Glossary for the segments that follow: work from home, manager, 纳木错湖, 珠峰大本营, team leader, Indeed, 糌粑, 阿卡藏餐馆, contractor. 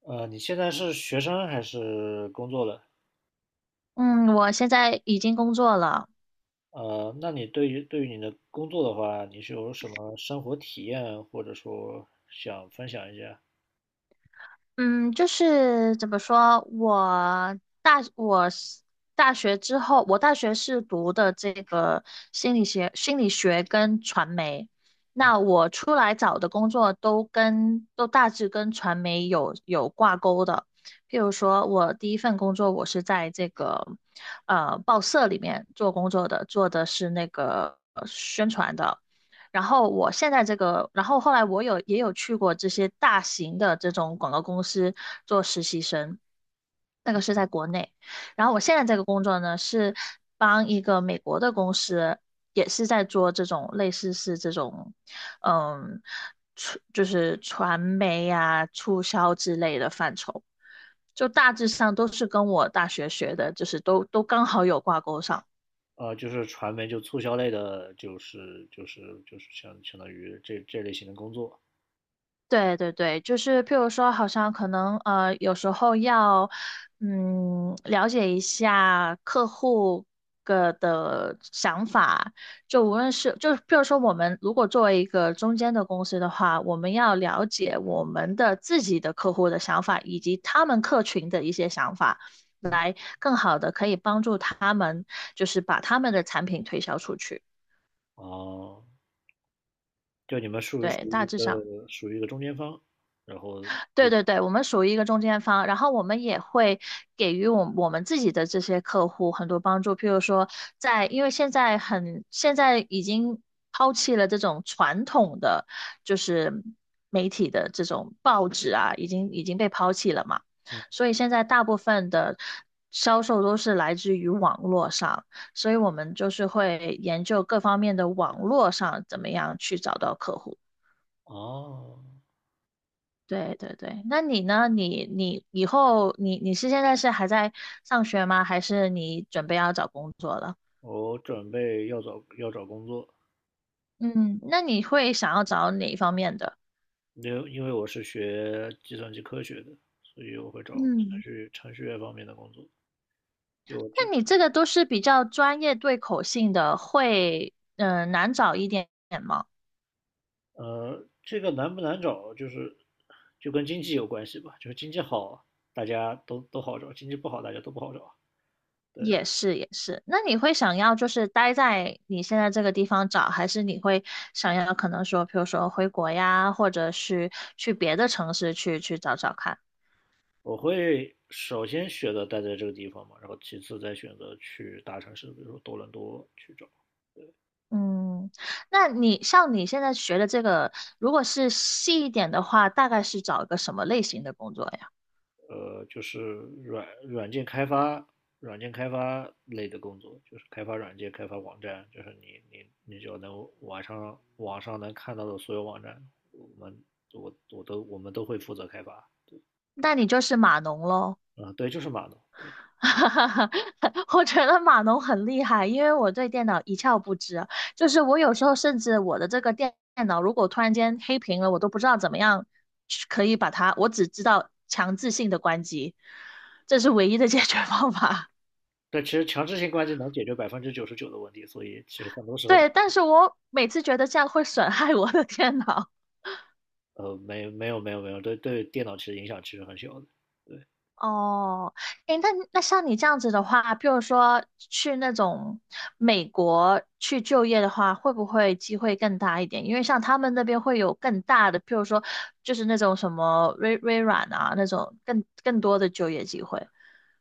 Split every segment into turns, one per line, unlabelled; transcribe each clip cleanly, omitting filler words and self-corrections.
你现在是学生还是工作了？
嗯，我现在已经工作了。
那你对于你的工作的话，你是有什么生活体验，或者说想分享一下？
嗯，就是怎么说，我是大学之后，我大学是读的这个心理学跟传媒。那我出来找的工作都大致跟传媒有挂钩的。譬如说，我第一份工作我是在这个报社里面做工作的，做的是那个宣传的。然后我现在这个，然后后来我也有去过这些大型的这种广告公司做实习生，那个是在国内。然后我现在这个工作呢，是帮一个美国的公司，也是在做这种类似是这种，嗯，就是传媒呀、促销之类的范畴，就大致上都是跟我大学学的，就是都刚好有挂钩上。
就是传媒就促销类的，就是相当于这类型的工作
对对对，就是譬如说，好像可能有时候要了解一下客户个的想法，就无论是就是譬如说，我们如果作为一个中间的公司的话，我们要了解我们的自己的客户的想法，以及他们客群的一些想法，来更好的可以帮助他们，就是把他们的产品推销出去。
啊。哦，就你们属于属
对，
于一
大致上。
个属于一个中间方，然后
对对对，我们属于一个中间方，然后我们也会给予我们自己的这些客户很多帮助，譬如说在，因为现在已经抛弃了这种传统的就是媒体的这种报纸啊，已经被抛弃了嘛，
嗯。
所以现在大部分的销售都是来自于网络上，所以我们就是会研究各方面的网络上怎么样去找到客户。
哦，
对对对，那你呢？你以后你现在是还在上学吗？还是你准备要找工作了？
我准备要找工作，
嗯，那你会想要找哪一方面的？
因为我是学计算机科学的，所以我会找程
嗯，
序程序员方面的工作。因为我知。
那你这个都是比较专业对口性的，会难找一点点吗？
呃，这个难不难找，就是就跟经济有关系吧，就是经济好，大家都好找；经济不好，大家都不好找。对，
也是也是，那你会想要就是待在你现在这个地方找，还是你会想要可能说，比如说回国呀，或者是去别的城市去找找看？
我会首先选择待在这个地方嘛，然后其次再选择去大城市，比如说多伦多去找。
嗯，那你像你现在学的这个，如果是细一点的话，大概是找一个什么类型的工作呀？
呃，就是软软件开发、软件开发类的工作，就是开发软件、开发网站，就是你就能网上能看到的所有网站，我们我们都会负责开发。
那你就是码农喽。
啊、对，就是码农。
我觉得码农很厉害，因为我对电脑一窍不知。就是我有时候甚至我的这个电脑如果突然间黑屏了，我都不知道怎么样去可以把它，我只知道强制性的关机，这是唯一的解决方法。
但其实强制性关机能解决99%的问题，所以其实很多 时候，
对，但是我每次觉得这样会损害我的电脑。
呃，没有，对电脑其实影响其实很小的。对。
哦，诶，那像你这样子的话，譬如说去那种美国去就业的话，会不会机会更大一点？因为像他们那边会有更大的，譬如说就是那种什么微软啊那种更多的就业机会。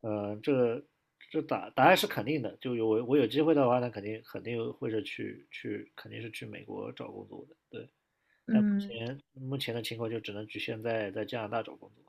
嗯，这个这答案是肯定的，就有我我有机会的话，那肯定是去美国找工作的，对。但目
嗯。
前目前的情况就只能局限在加拿大找工作。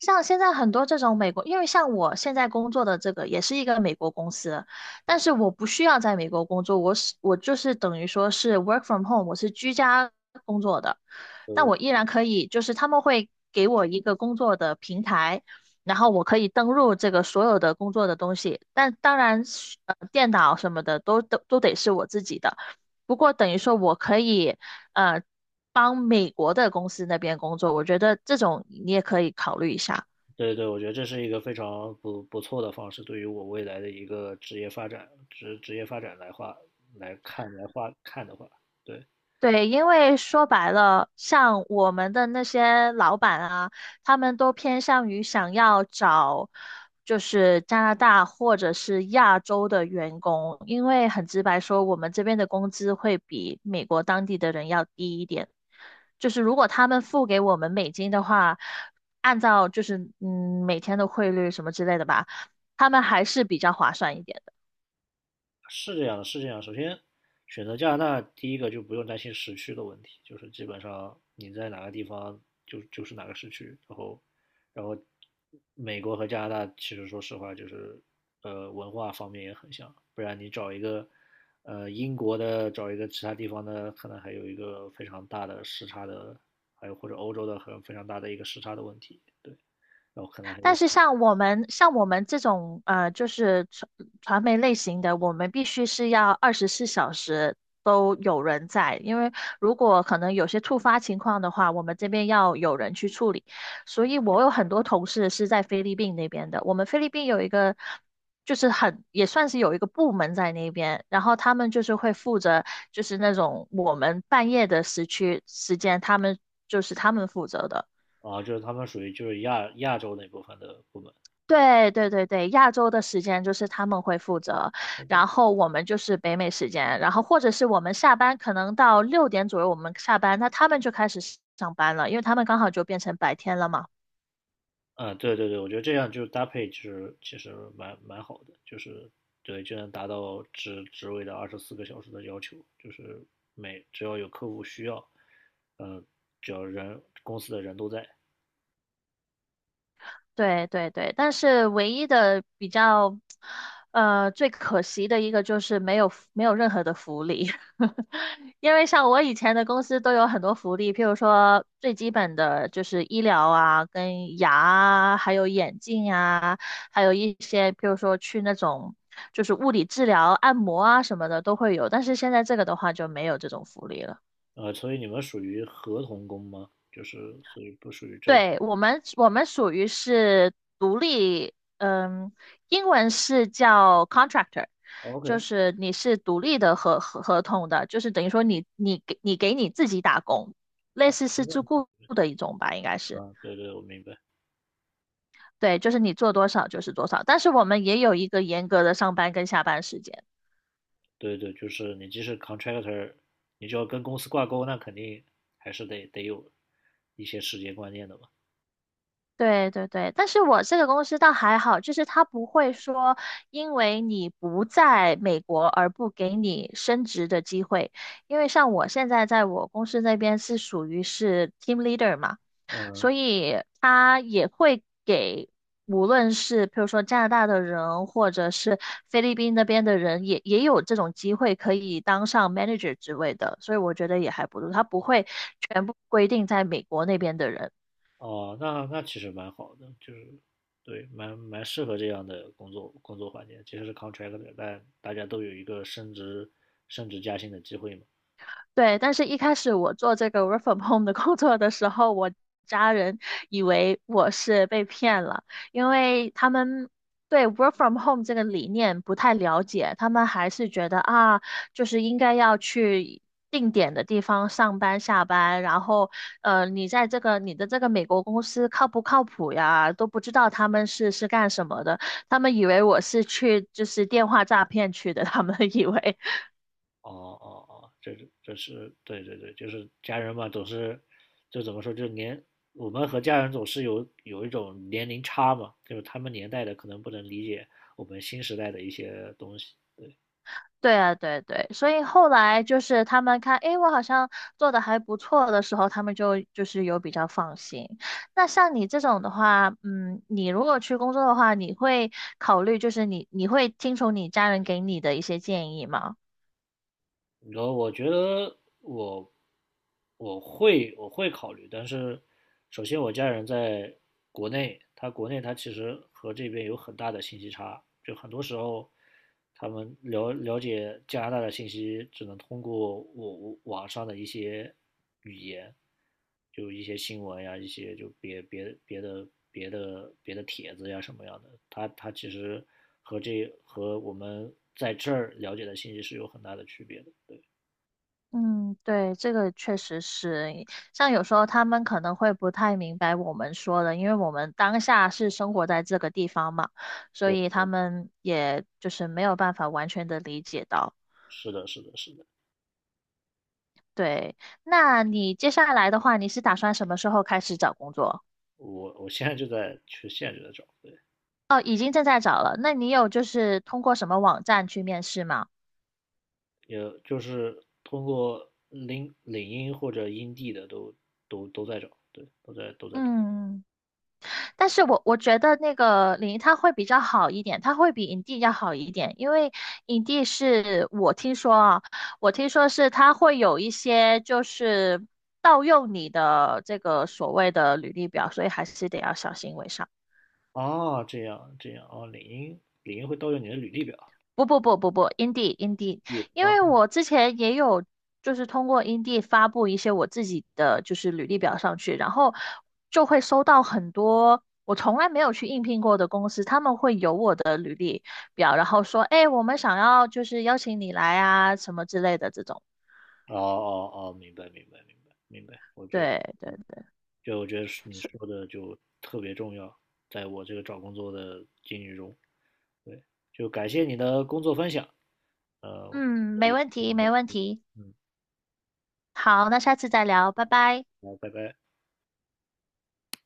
像现在很多这种美国，因为像我现在工作的这个也是一个美国公司，但是我不需要在美国工作，我就是等于说是 work from home，我是居家工作的，但我
对
依然可以，就是他们会给我一个工作的平台，然后我可以登录这个所有的工作的东西，但当然是，电脑什么的都得是我自己的，不过等于说我可以，呃。帮美国的公司那边工作，我觉得这种你也可以考虑一下。
对，我觉得这是一个非常不错的方式，对于我未来的一个职业发展职职业发展来话来看来话看的话，对。
对，因为说白了，像我们的那些老板啊，他们都偏向于想要找就是加拿大或者是亚洲的员工，因为很直白说，我们这边的工资会比美国当地的人要低一点。就是如果他们付给我们美金的话，按照就是每天的汇率什么之类的吧，他们还是比较划算一点。
是这样的，是这样的。首先，选择加拿大，第一个就不用担心时区的问题，就是基本上你在哪个地方就是哪个时区。然后，然后美国和加拿大其实说实话就是文化方面也很像，不然你找一个英国的，找一个其他地方的，可能还有一个非常大的时差的，还有或者欧洲的很非常大的一个时差的问题。对，然后可能还
但
有。
是像我们这种就是传媒类型的，我们必须是要24小时都有人在，因为如果可能有些突发情况的话，我们这边要有人去处理。所以我有很多同事是在菲律宾那边的，我们菲律宾有一个。就是很，也算是有一个部门在那边，然后他们就是会负责，就是那种我们半夜的时区时间，他们负责的。
啊，就是他们属于就是亚洲那部分的部门。
对对对对，亚洲的时间就是他们会负责，然后我们就是北美时间，然后或者是我们下班可能到6点左右我们下班，那他们就开始上班了，因为他们刚好就变成白天了嘛。
嗯，对，我觉得这样就是搭配，就是其实蛮好的，就是对，就能达到职位的24个小时的要求，就是每只要有客户需要，呃，只要人公司的人都在。
对对对，但是唯一的比较，最可惜的一个就是没有任何的福利，因为像我以前的公司都有很多福利，譬如说最基本的就是医疗啊、跟牙啊，还有眼镜啊，还有一些譬如说去那种就是物理治疗、按摩啊什么的都会有，但是现在这个的话就没有这种福利了。
呃，所以你们属于合同工吗？就是所以不属于正。
对，我们属于是独立，嗯，英文是叫 contractor，
哦
就
，OK。
是你是独立的合同的，就是等于说你给你自己打工，类
好，
似
没
是
问
自
题。
雇的一种吧，应该是。
啊，对对，我明白。
对，就是你做多少就是多少，但是我们也有一个严格的上班跟下班时间。
对对，就是你即使 contractor,你就要跟公司挂钩，那肯定还是得有一些时间观念的吧。
对对对，但是我这个公司倒还好，就是他不会说因为你不在美国而不给你升职的机会，因为像我现在在我公司那边是属于是 team leader 嘛，
嗯。
所以他也会给无论是比如说加拿大的人或者是菲律宾那边的人也有这种机会可以当上 manager 职位的，所以我觉得也还不错，他不会全部规定在美国那边的人。
哦，那那其实蛮好的，就是对，蛮适合这样的工作环境。即使是 c o n t r a c t o， 但大家都有一个升职加薪的机会嘛。
对，但是一开始我做这个 work from home 的工作的时候，我家人以为我是被骗了，因为他们对 work from home 这个理念不太了解，他们还是觉得啊，就是应该要去定点的地方上班下班，然后你在这个你的这个美国公司靠不靠谱呀，都不知道他们是干什么的，他们以为我是去就是电话诈骗去的，他们以为。
哦哦，这是这是对，就是家人嘛，总是就怎么说，就年我们和家人总是有一种年龄差嘛，就是他们年代的可能不能理解我们新时代的一些东西。
对啊，对对，所以后来就是他们看，诶，我好像做的还不错的时候，他们就是有比较放心。那像你这种的话，你如果去工作的话，你会考虑就是你会听从你家人给你的一些建议吗？
然后我觉得我我会考虑，但是首先我家人在国内，他其实和这边有很大的信息差，就很多时候他们了解加拿大的信息只能通过我网上的一些语言，就一些新闻呀，一些就别的帖子呀什么样的，它其实和这和我们在这儿了解的信息是有很大的区别的。对
嗯，对，这个确实是，像有时候他们可能会不太明白我们说的，因为我们当下是生活在这个地方嘛，所
对，
以他们也就是没有办法完全的理解到。
是的，是的，是的。
对，那你接下来的话，你是打算什么时候开始找工作？
我我现在就在去限制的找，对，
哦，已经正在找了。那你有就是通过什么网站去面试吗？
也就是通过领英或者英地的都在找，对。
嗯，但是我觉得那个领英它会比较好一点，它会比 i n 要好一点，因为 i n 是我听说啊，我听说是它会有一些就是盗用你的这个所谓的履历表，所以还是得要小心为上。
啊，这样这样啊，领英会盗用你的履历表，
不不不不不，Indeed，Indeed，
也
因
啊。
为我之前也有就是通过 Indeed 发布一些我自己的就是履历表上去，然后就会收到很多我从来没有去应聘过的公司，他们会有我的履历表，然后说，哎，我们想要就是邀请你来啊，什么之类的这种。
哦，明白，
对对对，
就我觉得是你说的就特别重要，在我这个找工作的经历中，对，就感谢你的工作分享，呃，我
嗯，没
也
问题，没问题。
嗯。
好，那下次再聊，拜拜。
好，拜拜。